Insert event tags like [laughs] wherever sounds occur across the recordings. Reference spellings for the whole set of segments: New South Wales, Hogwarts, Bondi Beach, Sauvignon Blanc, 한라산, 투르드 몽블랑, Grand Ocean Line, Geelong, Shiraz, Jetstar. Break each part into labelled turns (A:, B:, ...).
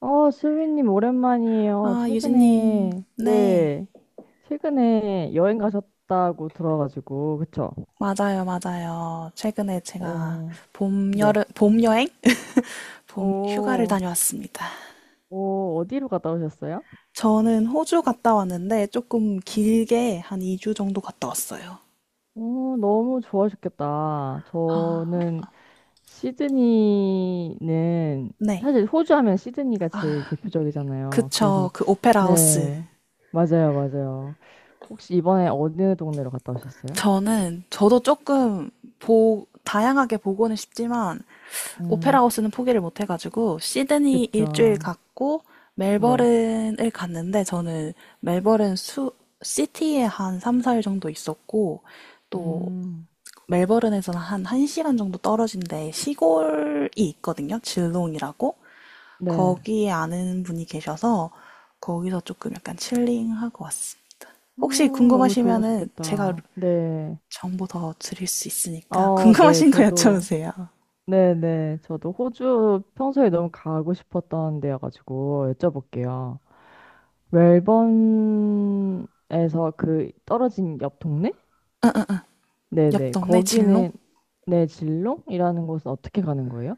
A: 수빈님, 오랜만이에요.
B: 아, 유진님.
A: 최근에,
B: 네.
A: 네, 최근에 여행 가셨다고 들어가지고, 그쵸?
B: 맞아요, 맞아요. 최근에 제가
A: 어,
B: 봄, 여름,
A: 네.
B: 봄 여행? 봄 휴가를
A: 어,
B: 다녀왔습니다.
A: 어디로 갔다 오셨어요?
B: 저는 호주 갔다 왔는데 조금 길게 한 2주 정도 갔다 왔어요.
A: 오, 너무 좋아하셨겠다. 저는 시드니는,
B: 네.
A: 사실 호주 하면 시드니가 제일 대표적이잖아요.
B: 그쵸.
A: 그래서,
B: 그 오페라 하우스.
A: 네, 맞아요, 맞아요. 혹시 이번에 어느 동네로 갔다 오셨어요?
B: 저도 조금 다양하게 보고는 싶지만 오페라
A: 음,
B: 하우스는 포기를 못 해가지고 시드니 일주일
A: 그쵸.
B: 갔고
A: 네.
B: 멜버른을 갔는데 저는 멜버른 수 시티에 한 3, 4일 정도 있었고 또
A: 음.
B: 멜버른에서는 한 1시간 정도 떨어진 데 시골이 있거든요. 질롱이라고.
A: 네.
B: 거기에 아는 분이 계셔서 거기서 조금 약간 칠링하고 왔어요.
A: 어,
B: 혹시
A: 너무
B: 궁금하시면은 제가
A: 좋으셨겠다. 네.
B: 정보 더 드릴 수 있으니까
A: 아, 네.
B: 궁금하신 거
A: 저도,
B: 여쭤보세요.
A: 네네. 저도 호주 평소에 너무 가고 싶었던 데여가지고 여쭤볼게요. 멜번에서 그 떨어진 옆 동네?
B: 옆
A: 네네.
B: 동네 질롱?
A: 거기는, 네, 질롱이라는 곳은 어떻게 가는 거예요?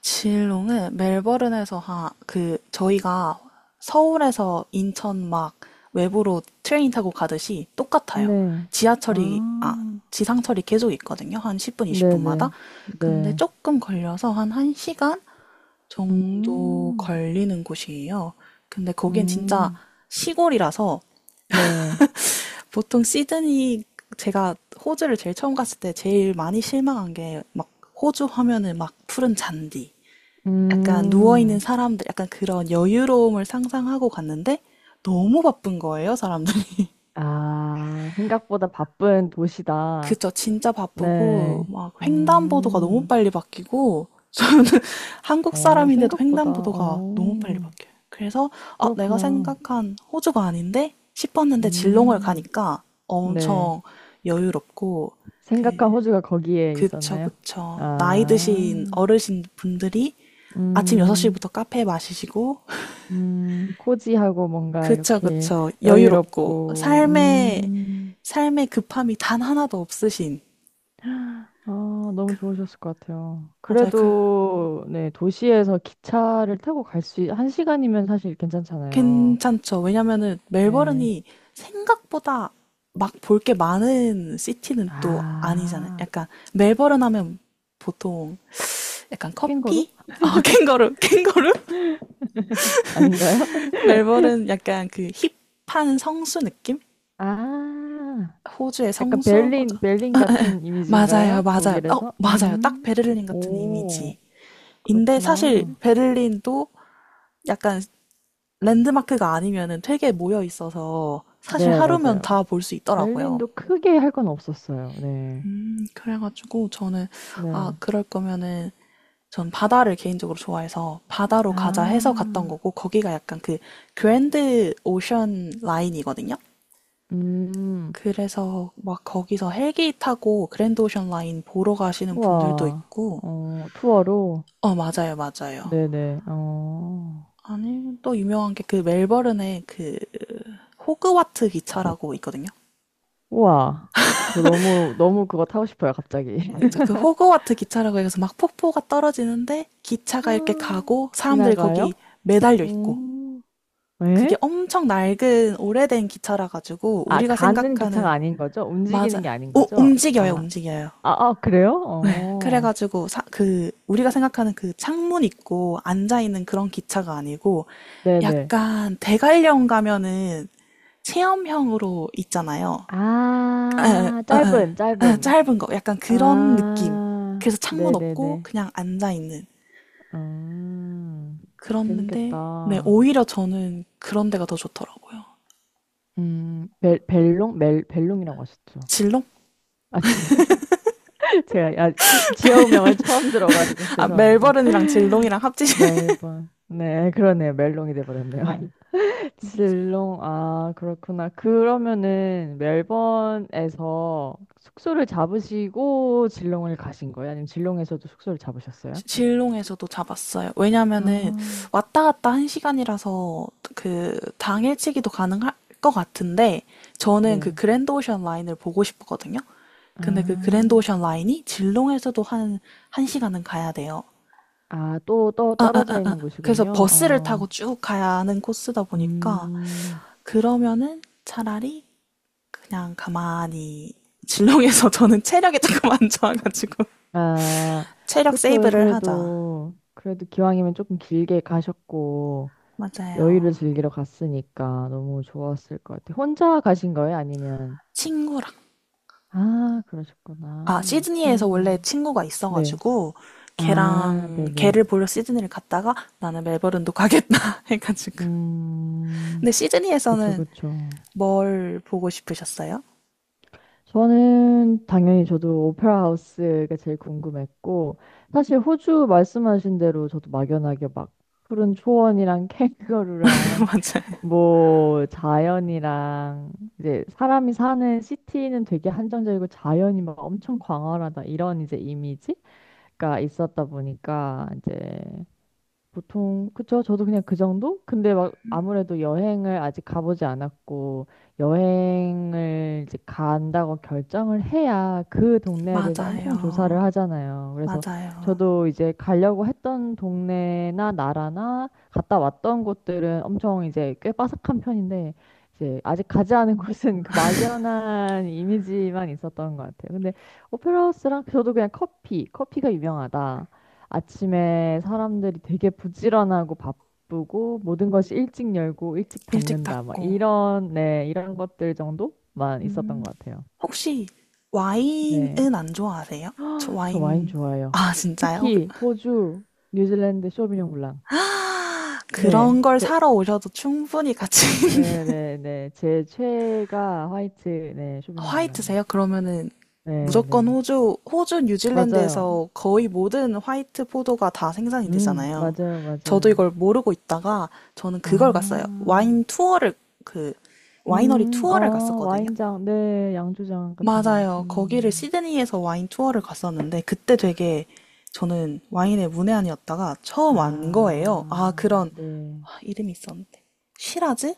B: 진롱은 멜버른에서 그, 저희가 서울에서 인천 막 외부로 트레인 타고 가듯이 똑같아요.
A: 네.
B: 지하철이, 아,
A: 아,
B: 지상철이 계속 있거든요. 한 10분,
A: 네네.
B: 20분마다.
A: 네.
B: 근데
A: 네.
B: 조금 걸려서 한 1시간 정도
A: 음,
B: 걸리는 곳이에요. 근데 거긴 진짜
A: 음,
B: 시골이라서
A: 네.
B: 보통 시드니 제가 호주를 제일 처음 갔을 때 제일 많이 실망한 게 막 호주 하면은 막 푸른 잔디, 약간 누워있는
A: 음.
B: 사람들, 약간 그런 여유로움을 상상하고 갔는데 너무 바쁜 거예요, 사람들이.
A: 아, 생각보다 바쁜
B: [laughs]
A: 도시다.
B: 그쵸, 진짜 바쁘고
A: 네.
B: 막 횡단보도가 너무
A: 음.
B: 빨리 바뀌고 저는 [laughs] 한국
A: 어,
B: 사람인데도
A: 생각보다.
B: 횡단보도가 너무 빨리
A: 어.
B: 바뀌어요. 그래서 아, 내가
A: 그렇구나.
B: 생각한 호주가 아닌데 싶었는데 질롱을
A: 음.
B: 가니까
A: 네.
B: 엄청 여유롭고, 그
A: 생각한 호주가 거기에
B: 그쵸,
A: 있었나요?
B: 그쵸. 나이 드신
A: 아.
B: 어르신 분들이 아침
A: 음.
B: 6시부터 카페 마시시고.
A: 음. 코지하고 뭔가
B: 그쵸,
A: 이렇게
B: 그쵸. 여유롭고,
A: 여유롭고.
B: 삶의,
A: 음.
B: 삶의 급함이 단 하나도 없으신.
A: 아, 너무 좋으셨을 것 같아요.
B: 맞아요.
A: 그래도 네, 도시에서 기차를 타고 갈 수, 한 시간이면 사실 괜찮잖아요.
B: 괜찮죠. 왜냐면은
A: 네.
B: 멜버른이 생각보다 막 볼 게 많은 시티는 또 아니잖아요.
A: 아,
B: 약간, 멜버른 하면 보통 약간
A: 캥거루?
B: 커피? 어, 캥거루, 캥거루?
A: 아닌가요? [laughs]
B: [laughs] 멜버른 약간 그 힙한 성수 느낌?
A: 아,
B: 호주의
A: 약간
B: 성수?
A: 벨린,
B: 맞아.
A: 벨린 같은
B: 맞아요,
A: 이미지인가요?
B: 맞아요. 어,
A: 독일에서?
B: 맞아요. 딱 베를린 같은 이미지.
A: 오,
B: 인데 사실
A: 그렇구나.
B: 베를린도 약간 랜드마크가 아니면은 되게 모여 있어서 사실
A: 네,
B: 하루면
A: 맞아요.
B: 다 볼 수 있더라고요.
A: 벨린도 크게 할 건 없었어요. 네.
B: 그래가지고 저는, 아,
A: 네.
B: 그럴 거면은 전 바다를 개인적으로 좋아해서 바다로
A: 아,
B: 가자 해서 갔던 거고, 거기가 약간 그 그랜드 오션 라인이거든요.
A: 음,
B: 그래서 막 거기서 헬기 타고 그랜드 오션 라인 보러 가시는 분들도
A: 우와,
B: 있고.
A: 어, 투어로?
B: 어, 맞아요, 맞아요.
A: 네네, 어,
B: 아니, 또 유명한 게 그 멜버른에 그 호그와트 기차라고 있거든요.
A: 우와. 저 너무 그거 타고 싶어요, 갑자기.
B: 그쵸.
A: [laughs]
B: 그 호그와트 기차라고 해서 막 폭포가 떨어지는데 기차가 이렇게
A: 아,
B: 가고 사람들이 거기
A: 지나가요?
B: 매달려 있고,
A: 음.
B: 그게
A: 왜?
B: 엄청 낡은 오래된 기차라 가지고
A: 아,
B: 우리가
A: 가는 기차가
B: 생각하는.
A: 아닌 거죠?
B: 맞아.
A: 움직이는 게 아닌
B: 오,
A: 거죠?
B: 움직여요,
A: 아,
B: 움직여요.
A: 아, 그래요?
B: 네.
A: 어,
B: 그래가지고 그 우리가 생각하는 그 창문 있고 앉아 있는 그런 기차가 아니고
A: 네네.
B: 약간 대관령 가면은 체험형으로 있잖아요. 아,
A: 아,
B: 아, 아, 아,
A: 짧은.
B: 짧은 거 약간 그런 느낌.
A: 아,
B: 그래서 창문 없고
A: 네네네.
B: 그냥 앉아 있는.
A: 음,
B: 그랬는데 네,
A: 재밌겠다.
B: 오히려 저는 그런 데가 더 좋더라고요.
A: 벨롱? 벨롱이라고 하셨죠?
B: 질롱?
A: 아, 지벨롱. [laughs] 제가, 야, 지역명을 처음 들어가지고, [laughs]
B: 아,
A: 죄송합니다.
B: 멜버른이랑 질롱이랑 합치신.
A: 멜번. 네, 그러네요. 멜롱이 돼버렸네요. 질롱, 아, 그렇구나. 그러면은 멜번에서 숙소를 잡으시고 질롱을 가신 거예요? 아니면 질롱에서도 숙소를
B: [laughs]
A: 잡으셨어요?
B: 질롱에서도 잡았어요. 왜냐면은
A: 아,
B: 왔다 갔다 한 시간이라서 그 당일치기도 가능할 것 같은데 저는 그
A: 네.
B: 그랜드 오션 라인을 보고 싶었거든요. 근데 그 그랜드
A: 아,
B: 오션 라인이 질롱에서도 한, 한 시간은 가야 돼요.
A: 아, 또, 또 떨어져 있는
B: 그래서
A: 곳이군요.
B: 버스를 타고
A: 어,
B: 쭉 가야 하는 코스다 보니까,
A: 음,
B: 그러면은 차라리 그냥 가만히 진롱에서 [laughs] 저는 체력이 조금 안 좋아가지고 [laughs]
A: 아,
B: 체력
A: 그쵸.
B: 세이브를 하자.
A: 그래도, 그래도 기왕이면 조금 길게 가셨고, 여유를
B: 맞아요.
A: 즐기러 갔으니까 너무 좋았을 것 같아요. 혼자 가신 거예요? 아니면?
B: 친구랑.
A: 아,
B: 아,
A: 그러셨구나.
B: 시드니에서 원래
A: 친구랑.
B: 친구가
A: 네.
B: 있어가지고
A: 아,
B: 걔랑 걔를
A: 네네.
B: 보러 시드니를 갔다가 나는 멜버른도 가겠다 [laughs] 해가지고.
A: 음,
B: 근데
A: 그쵸,
B: 시드니에서는
A: 그쵸.
B: 뭘 보고 싶으셨어요?
A: 저는 당연히 저도 오페라 하우스가 제일 궁금했고, 사실 호주 말씀하신 대로 저도 막연하게 막 푸른 초원이랑 [laughs] 캥거루랑
B: [laughs]
A: 뭐 자연이랑 이제 사람이 사는 시티는 되게 한정적이고 자연이 막 엄청 광활하다 이런 이제 이미지가 있었다 보니까 이제 보통 그쵸? 저도 그냥 그 정도? 근데 막 아무래도 여행을 아직 가보지 않았고 여행을 이제 간다고 결정을 해야 그 동네에 대해서 엄청 조사를
B: 맞아요.
A: 하잖아요.
B: 맞아요.
A: 그래서
B: 맞아요.
A: 저도 이제 가려고 했던 동네나 나라나 갔다 왔던 곳들은 엄청 이제 꽤 빠삭한 편인데 이제 아직 가지 않은 [laughs] 곳은 그 막연한 이미지만 있었던 것 같아요. 근데 오페라 하우스랑 저도 그냥 커피가 유명하다. 아침에 사람들이 되게 부지런하고 바쁘고 모든 것이 일찍 열고 일찍
B: 일찍
A: 닫는다. 막
B: 닦고.
A: 이런, 네, 이런 것들 정도만 있었던
B: 음.
A: 것 같아요.
B: 혹시
A: 네.
B: 와인은 안 좋아하세요? 저
A: 저 와인
B: 와인,
A: 좋아해요.
B: 아, 진짜요?
A: 특히 호주, 뉴질랜드 쇼비뇽 블랑.
B: [gasps] 그런
A: 네.
B: 걸 사러 오셔도 충분히 가치는.
A: 네, 제 최애가 화이트, 네,
B: [laughs]
A: 쇼비뇽 블랑입니다.
B: 화이트세요? 그러면은
A: 네,
B: 무조건
A: 네.
B: 호주,
A: 맞아요.
B: 뉴질랜드에서 거의 모든 화이트 포도가 다 생산이 되잖아요.
A: 맞아요,
B: 저도
A: 맞아요.
B: 이걸 모르고 있다가, 저는
A: 아,
B: 그걸 갔어요. 와인 투어를, 그 와이너리 투어를
A: 어,
B: 갔었거든요.
A: 네, 양조장 같은 거.
B: 맞아요. 거기를
A: 음.
B: 시드니에서 와인 투어를 갔었는데 그때 되게, 저는 와인의 문외한이었다가 처음 안 거예요. 아,
A: 아,
B: 그런.
A: 네.
B: 아, 이름이 있었는데. 시라즈라는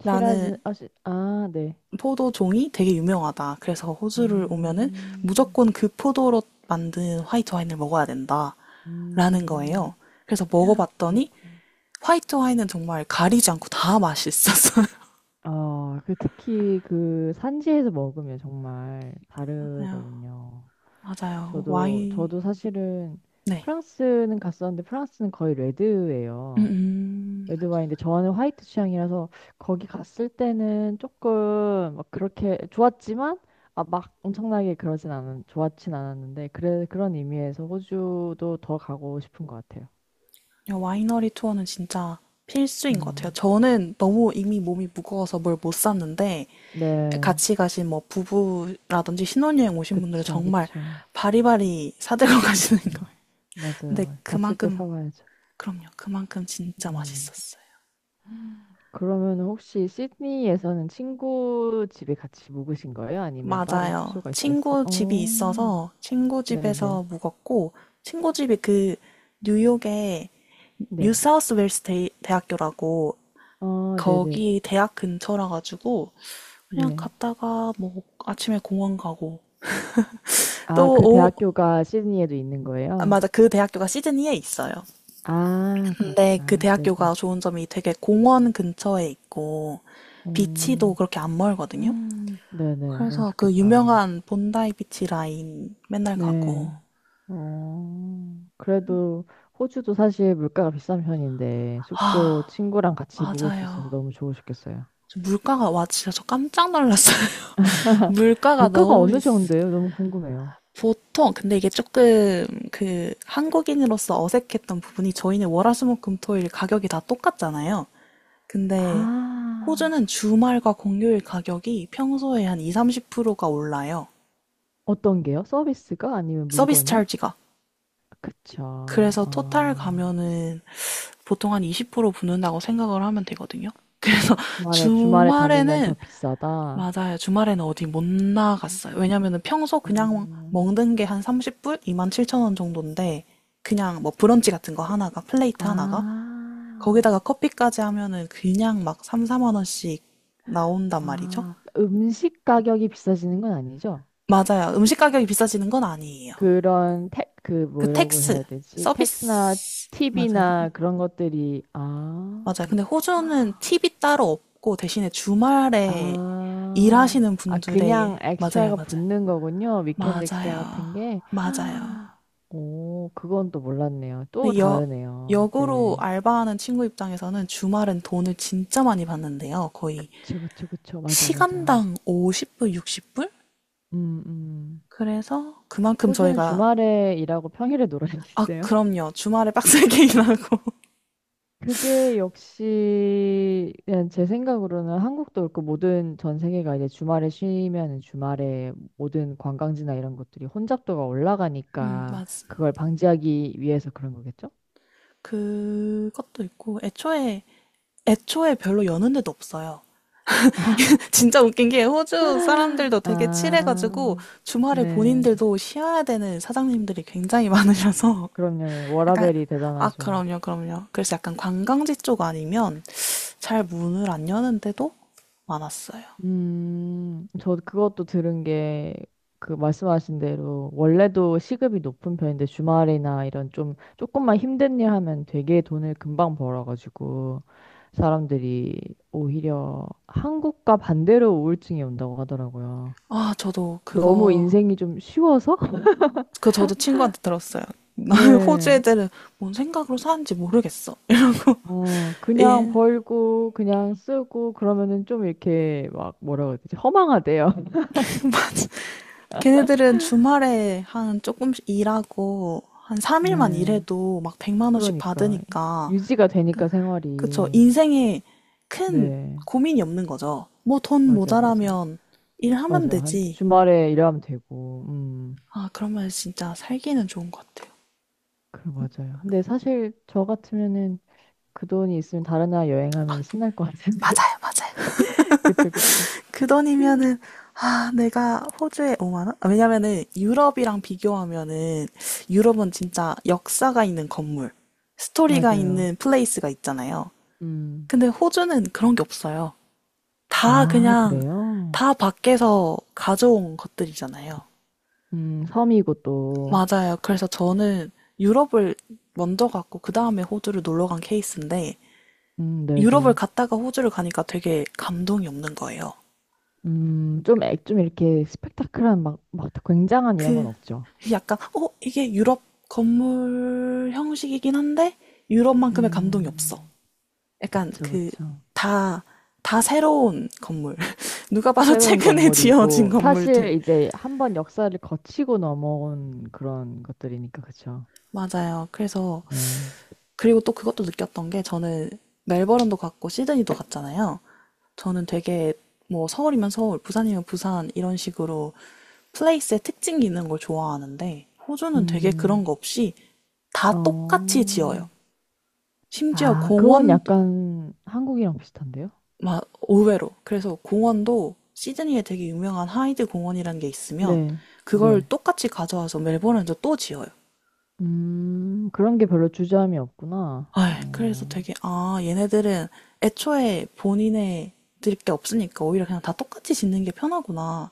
A: 아, 네.
B: 포도종이 되게 유명하다, 그래서 호주를 오면은
A: 음,
B: 무조건 그 포도로 만든 화이트 와인을 먹어야 된다라는 거예요.
A: 음,
B: 그래서 먹어봤더니
A: 그렇구나.
B: 화이트 와인은 정말 가리지 않고 다 맛있었어요.
A: 어, 그 특히 그 산지에서 먹으면 정말
B: [laughs] 맞아요.
A: 다르거든요.
B: 맞아요. 와인.
A: 저도 사실은
B: 네.
A: 프랑스는 갔었는데 프랑스는 거의 레드예요.
B: 음,
A: 레드 와인인데 저는 화이트 취향이라서 거기 갔을 때는 조금 막 그렇게 좋았지만 아, 막 엄청나게 그러진 않은 좋았진 않았는데 그래 그런 의미에서 호주도 더 가고 싶은 것 같아요.
B: 와이너리 투어는 진짜 필수인 것 같아요.
A: 음.
B: 저는 너무 이미 몸이 무거워서 뭘 못 샀는데
A: 네.
B: 같이 가신 뭐 부부라든지 신혼여행 오신 분들은
A: 그쵸,
B: 정말
A: 그쵸,
B: 바리바리 사들고 [laughs] 가시는
A: 그쵸.
B: 거예요. 근데
A: 맞아요. 갔을 때
B: 그만큼.
A: 사와야죠.
B: 그럼요. 그만큼 진짜
A: 음.
B: 맛있었어요.
A: 그러면 혹시 시드니에서는 친구 집에 같이 묵으신 거예요? 아니면 따로
B: 맞아요.
A: 숙소가 있으셨어요?
B: 친구 집이
A: 어,
B: 있어서 친구
A: 네네.
B: 집에서 묵었고, 친구 집이 그 뉴욕의
A: 네.
B: 뉴사우스 웨일스 대학교라고,
A: 어, 네네.
B: 거기 대학 근처라 가지고 그냥
A: 네.
B: 갔다가, 뭐 아침에 공원 가고
A: 아,
B: 또
A: 그
B: 오후.
A: 대학교가 시드니에도 있는
B: 아,
A: 거예요?
B: 맞아. 그 대학교가 시드니에 있어요.
A: 아,
B: 근데 그
A: 그렇구나.
B: 대학교가
A: 네네.
B: 좋은 점이 되게 공원 근처에 있고 비치도
A: 음,
B: 그렇게 안 멀거든요.
A: [gasps] 네네. 너무
B: 그래서 그
A: 좋겠다.
B: 유명한 본다이 비치 라인 맨날
A: 네.
B: 가고.
A: 어, 그래도 호주도 사실 물가가 비싼 편인데 숙소
B: 아,
A: 친구랑 같이 묵을 수 있어서
B: 맞아요.
A: 너무 좋으셨겠어요.
B: 저 물가가, 와, 진짜 저 깜짝 놀랐어요. [laughs] 물가가
A: 물가가
B: 너무
A: 어느
B: 비싸.
A: 정도예요? 너무 궁금해요.
B: 보통, 근데 이게 조금 그 한국인으로서 어색했던 부분이, 저희는 월화수목금토일 가격이 다 똑같잖아요. 근데
A: 아,
B: 호주는 주말과 공휴일 가격이 평소에 한 2, 30%가 올라요.
A: 어떤 게요? 서비스가 아니면
B: 서비스
A: 물건이?
B: 찰지가.
A: 그쵸.
B: 그래서 토탈
A: 아,
B: 가면은 보통 한 20% 붙는다고 생각을 하면 되거든요. 그래서 [laughs]
A: 주말에 다니면 더
B: 주말에는.
A: 비싸다.
B: 맞아요. 주말에는 어디 못
A: 음,
B: 나갔어요. 왜냐면은 평소 그냥
A: 어.
B: 먹는 게 한 30불? 27,000원 정도인데 그냥 뭐 브런치 같은 거 하나가, 플레이트 하나가
A: 아,
B: 거기다가 커피까지 하면은 그냥 막 3, 4만 원씩 나온단 말이죠.
A: 음식 가격이 비싸지는 건 아니죠?
B: 맞아요. 음식 가격이 비싸지는 건 아니에요.
A: 그런 택, 그
B: 그
A: 뭐라고
B: 텍스,
A: 해야 되지? 택스나
B: 서비스 맞아요.
A: 팁이나 그런 것들이,
B: 맞아요.
A: 아,
B: 근데 호주는 팁이 따로 없고 대신에 주말에
A: 아,
B: 일하시는
A: 그냥
B: 분들의. 맞아요,
A: 엑스트라가
B: 맞아요.
A: 붙는 거군요. 위켄드 엑스트라
B: 맞아요.
A: 같은 게.
B: 맞아요.
A: 오, 그건 또 몰랐네요. 또
B: 근데 여,
A: 다르네요.
B: 역으로
A: 네.
B: 알바하는 친구 입장에서는 주말엔 돈을 진짜 많이 받는데요. 거의
A: 그쵸. 맞아, 맞아.
B: 시간당 50불, 60불?
A: 음, 음.
B: 그래서 그만큼
A: 호주는
B: 저희가.
A: 주말에 일하고 평일에
B: 아,
A: 놀아야겠네요.
B: 그럼요. 주말에 빡세게 [laughs] 일하고.
A: 그게 역시 그냥 제 생각으로는 한국도 그렇고 모든 전 세계가 이제 주말에 쉬면 주말에 모든 관광지나 이런 것들이 혼잡도가 올라가니까
B: 맞습니다.
A: 그걸 방지하기 위해서 그런 거겠죠?
B: 그것도 있고 애초에 별로 여는 데도 없어요. 진짜 웃긴 게 호주 사람들도 되게 칠해가지고
A: 아,
B: 주말에
A: 네.
B: 본인들도 쉬어야 되는 사장님들이 굉장히 많으셔서
A: 그럼요.
B: [laughs] 약간.
A: 워라밸이
B: 아,
A: 대단하죠.
B: 그럼요, 그럼요. 그래서 약간 관광지 쪽 아니면 잘 문을 안 여는 데도 많았어요.
A: 저 그것도 들은 게, 그 말씀하신 대로, 원래도 시급이 높은 편인데, 주말이나 이런 좀, 조금만 힘든 일 하면 되게 돈을 금방 벌어가지고, 사람들이 오히려 한국과 반대로 우울증이 온다고 하더라고요.
B: 아 저도
A: 너무
B: 그거
A: 인생이 좀 쉬워서? [laughs]
B: 그 저도 친구한테 들었어요. [laughs] 호주
A: 네.
B: 애들은 뭔 생각으로 사는지 모르겠어.
A: 어,
B: [laughs]
A: 그냥
B: 예.
A: 벌고, 그냥 쓰고, 그러면은 좀 이렇게 막, 뭐라고 해야 되지? 허망하대요. [laughs]
B: 걔네들은 주말에 한 조금씩 일하고 한 3일만
A: 네.
B: 일해도 막 100만 원씩
A: 그러니까.
B: 받으니까,
A: 유지가
B: 그
A: 되니까
B: 그쵸.
A: 생활이.
B: 인생에 큰
A: 네,
B: 고민이 없는 거죠. 뭐 돈
A: 맞아, 맞아.
B: 모자라면 일하면
A: 맞아. 한
B: 되지.
A: 주말에 일하면 되고,
B: 아, 그러면 진짜 살기는 좋은 것 같아요.
A: 그, 맞아요. 근데 사실 저 같으면은 그 돈이 있으면 다른 나라 여행하면 신날 것 같은데.
B: 맞아요, 맞아요.
A: [laughs] 그쵸, 그쵸.
B: [laughs] 그
A: 음.
B: 돈이면은, 아, 내가 호주에 5만 원? 왜냐면은 유럽이랑 비교하면은 유럽은 진짜 역사가 있는 건물, 스토리가
A: 맞아요.
B: 있는 플레이스가 있잖아요.
A: 음,
B: 근데 호주는 그런 게 없어요. 다
A: 아,
B: 그냥
A: 그래요?
B: 다 밖에서 가져온 것들이잖아요.
A: 섬이고 또,
B: 맞아요. 그래서 저는 유럽을 먼저 갔고 그 다음에 호주를 놀러 간 케이스인데, 유럽을
A: 네네.
B: 갔다가 호주를 가니까 되게 감동이 없는 거예요.
A: 좀 이렇게 스펙타클한 막, 막 굉장한 이런 건
B: 그
A: 없죠.
B: 약간, 이게 유럽 건물 형식이긴 한데 유럽만큼의 감동이 없어.
A: 음,
B: 약간
A: 그쵸,
B: 그
A: 그쵸.
B: 다 다 새로운 건물. [laughs] 누가 봐도
A: 새로운
B: 최근에 지어진
A: 건물이고 사실
B: 건물들.
A: 이제 한번 역사를 거치고 넘어온 그런 것들이니까 그쵸?
B: 맞아요. 그래서,
A: 네.
B: 그리고 또 그것도 느꼈던 게, 저는 멜버른도 갔고 시드니도 갔잖아요. 저는 되게 뭐 서울이면 서울, 부산이면 부산 이런 식으로 플레이스의 특징이 있는 걸 좋아하는데 호주는 되게 그런
A: 음,
B: 거 없이 다 똑같이 지어요.
A: 어,
B: 심지어
A: 아, 그건
B: 공원도,
A: 약간 한국이랑 비슷한데요?
B: 막 의외로. 그래서 공원도 시드니에 되게 유명한 하이드 공원이라는 게 있으면
A: 네,
B: 그걸
A: 네.
B: 똑같이 가져와서 멜버른에서 또 지어요.
A: 그런 게 별로 주저함이 없구나.
B: 아, 그래서
A: 어,
B: 되게, 아, 얘네들은 애초에 본인의 드릴 게 없으니까 오히려 그냥 다 똑같이 짓는 게 편하구나.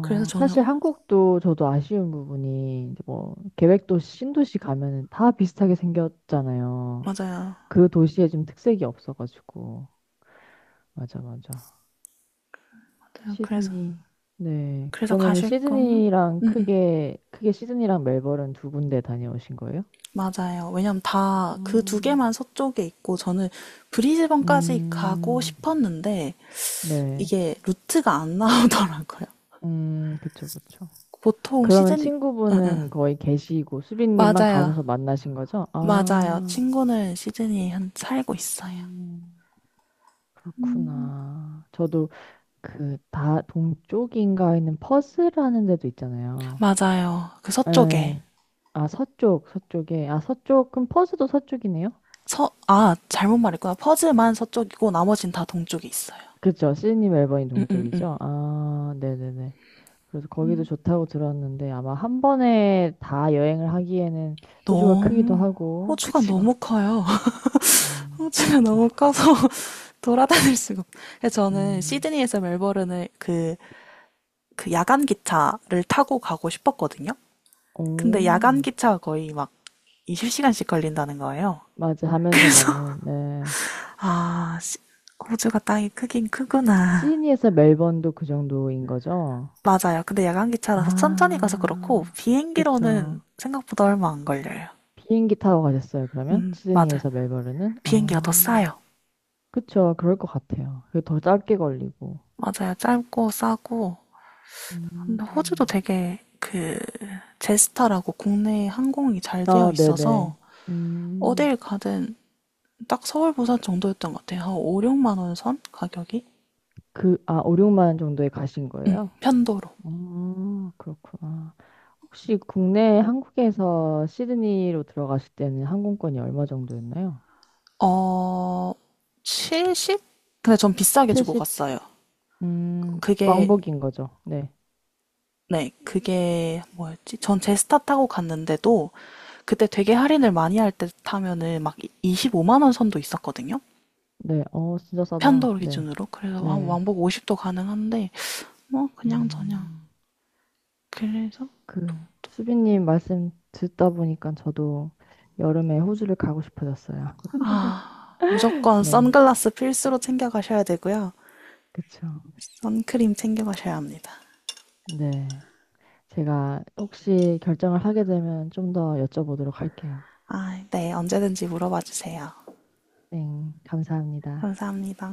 B: 그래서 저는.
A: 사실 한국도 저도 아쉬운 부분이 이제 뭐 계획도시, 신도시 가면은 다 비슷하게 생겼잖아요.
B: 맞아요.
A: 그 도시에 좀 특색이 없어가지고. 맞아, 맞아.
B: 맞아요. 그래서
A: 시드니. 네. 그러면은
B: 가실 거면?
A: 시드니랑
B: 응응.
A: 크게 시드니랑 멜버른 두 군데 다녀오신 거예요?
B: 맞아요. 왜냐면 다 그 두
A: 음.
B: 개만 서쪽에 있고 저는 브리즈번까지 가고
A: 음,
B: 싶었는데
A: 네.
B: 이게 루트가 안 [laughs] 나오더라고요.
A: 그쵸, 그쵸.
B: 보통
A: 그러면
B: 시드니. 응, 응.
A: 친구분은 거의 계시고 수빈님만
B: 맞아요.
A: 가셔서 만나신 거죠?
B: 맞아요.
A: 아,
B: 친구는 시드니에 살고 있어요.
A: 음. 그렇구나. 저도 그 다 동쪽인가 있는 퍼스라는 데도 있잖아요.
B: 맞아요. 그
A: 에,
B: 서쪽에.
A: 아, 서쪽에. 그럼 퍼스도 서쪽이네요?
B: 아, 잘못 말했구나. 퍼즈만 서쪽이고 나머진 다 동쪽에 있어요.
A: 그쵸. C님 앨범이
B: 응, 응, 응.
A: 동쪽이죠? 아, 네네네. 그래서 거기도 좋다고 들었는데 아마 한 번에 다 여행을 하기에는 호주가 크기도
B: 너무,
A: 하고, [laughs]
B: 호주가
A: 그쵸?
B: 너무 커요. [laughs]
A: 음,
B: 호주가 너무
A: 그렇군.
B: 커서 돌아다닐 [laughs] 수가 없. 그래서 저는
A: 음,
B: 시드니에서 멜버른을, 그 야간 기차를 타고 가고 싶었거든요. 근데 야간
A: 오,
B: 기차가 거의 막 20시간씩 걸린다는 거예요.
A: 맞아. 하면서
B: 그래서,
A: 가는, 네.
B: [laughs] 아, 호주가 땅이 크긴 크구나.
A: 시드니에서 멜번도 그 정도인 거죠?
B: 맞아요. 근데 야간 기차라서 천천히 가서 그렇고,
A: 아,
B: 비행기로는
A: 그쵸.
B: 생각보다 얼마 안 걸려요.
A: 비행기 타고 가셨어요, 그러면?
B: 맞아요.
A: 시드니에서 멜버른은?
B: 비행기가 더
A: 아,
B: 싸요.
A: 그쵸. 그럴 것 같아요. 그게 더 짧게 걸리고.
B: 맞아요. 짧고 싸고. 근데 호주도
A: 음,
B: 되게 그, 제스타라고 국내 항공이 잘 되어
A: 아,
B: 있어서
A: 네네. 음,
B: 어딜 가든 딱 서울, 부산 정도였던 것 같아요. 한 5, 6만 원 선? 가격이?
A: 그, 아, 5, 6만 정도에 가신 거예요?
B: 편도로.
A: 어, 그렇구나. 혹시 국내 한국에서 시드니로 들어가실 때는 항공권이 얼마 정도였나요?
B: 어, 70? 근데 전 비싸게 주고
A: 70,
B: 갔어요. 그게,
A: 왕복인 거죠. 네.
B: 네, 그게 뭐였지? 전 제스타 타고 갔는데도, 그때 되게 할인을 많이 할 때 타면은 막 25만 원 선도 있었거든요.
A: 네. 어, 진짜 싸다.
B: 편도로
A: 네.
B: 기준으로. 그래서 한
A: 네.
B: 왕복 50도 가능한데 뭐 그냥 저냥.
A: 음,
B: 그래서,
A: 그, 수빈님 말씀 듣다 보니까 저도 여름에 호주를 가고 싶어졌어요.
B: 아,
A: [laughs]
B: 무조건
A: 네.
B: 선글라스 필수로 챙겨 가셔야 되고요.
A: 그쵸.
B: 선크림 챙겨 가셔야 합니다.
A: 네. 제가 혹시 결정을 하게 되면 좀 더 여쭤보도록 할게요.
B: 아, 네, 언제든지 물어봐 주세요.
A: 네, 감사합니다.
B: 감사합니다.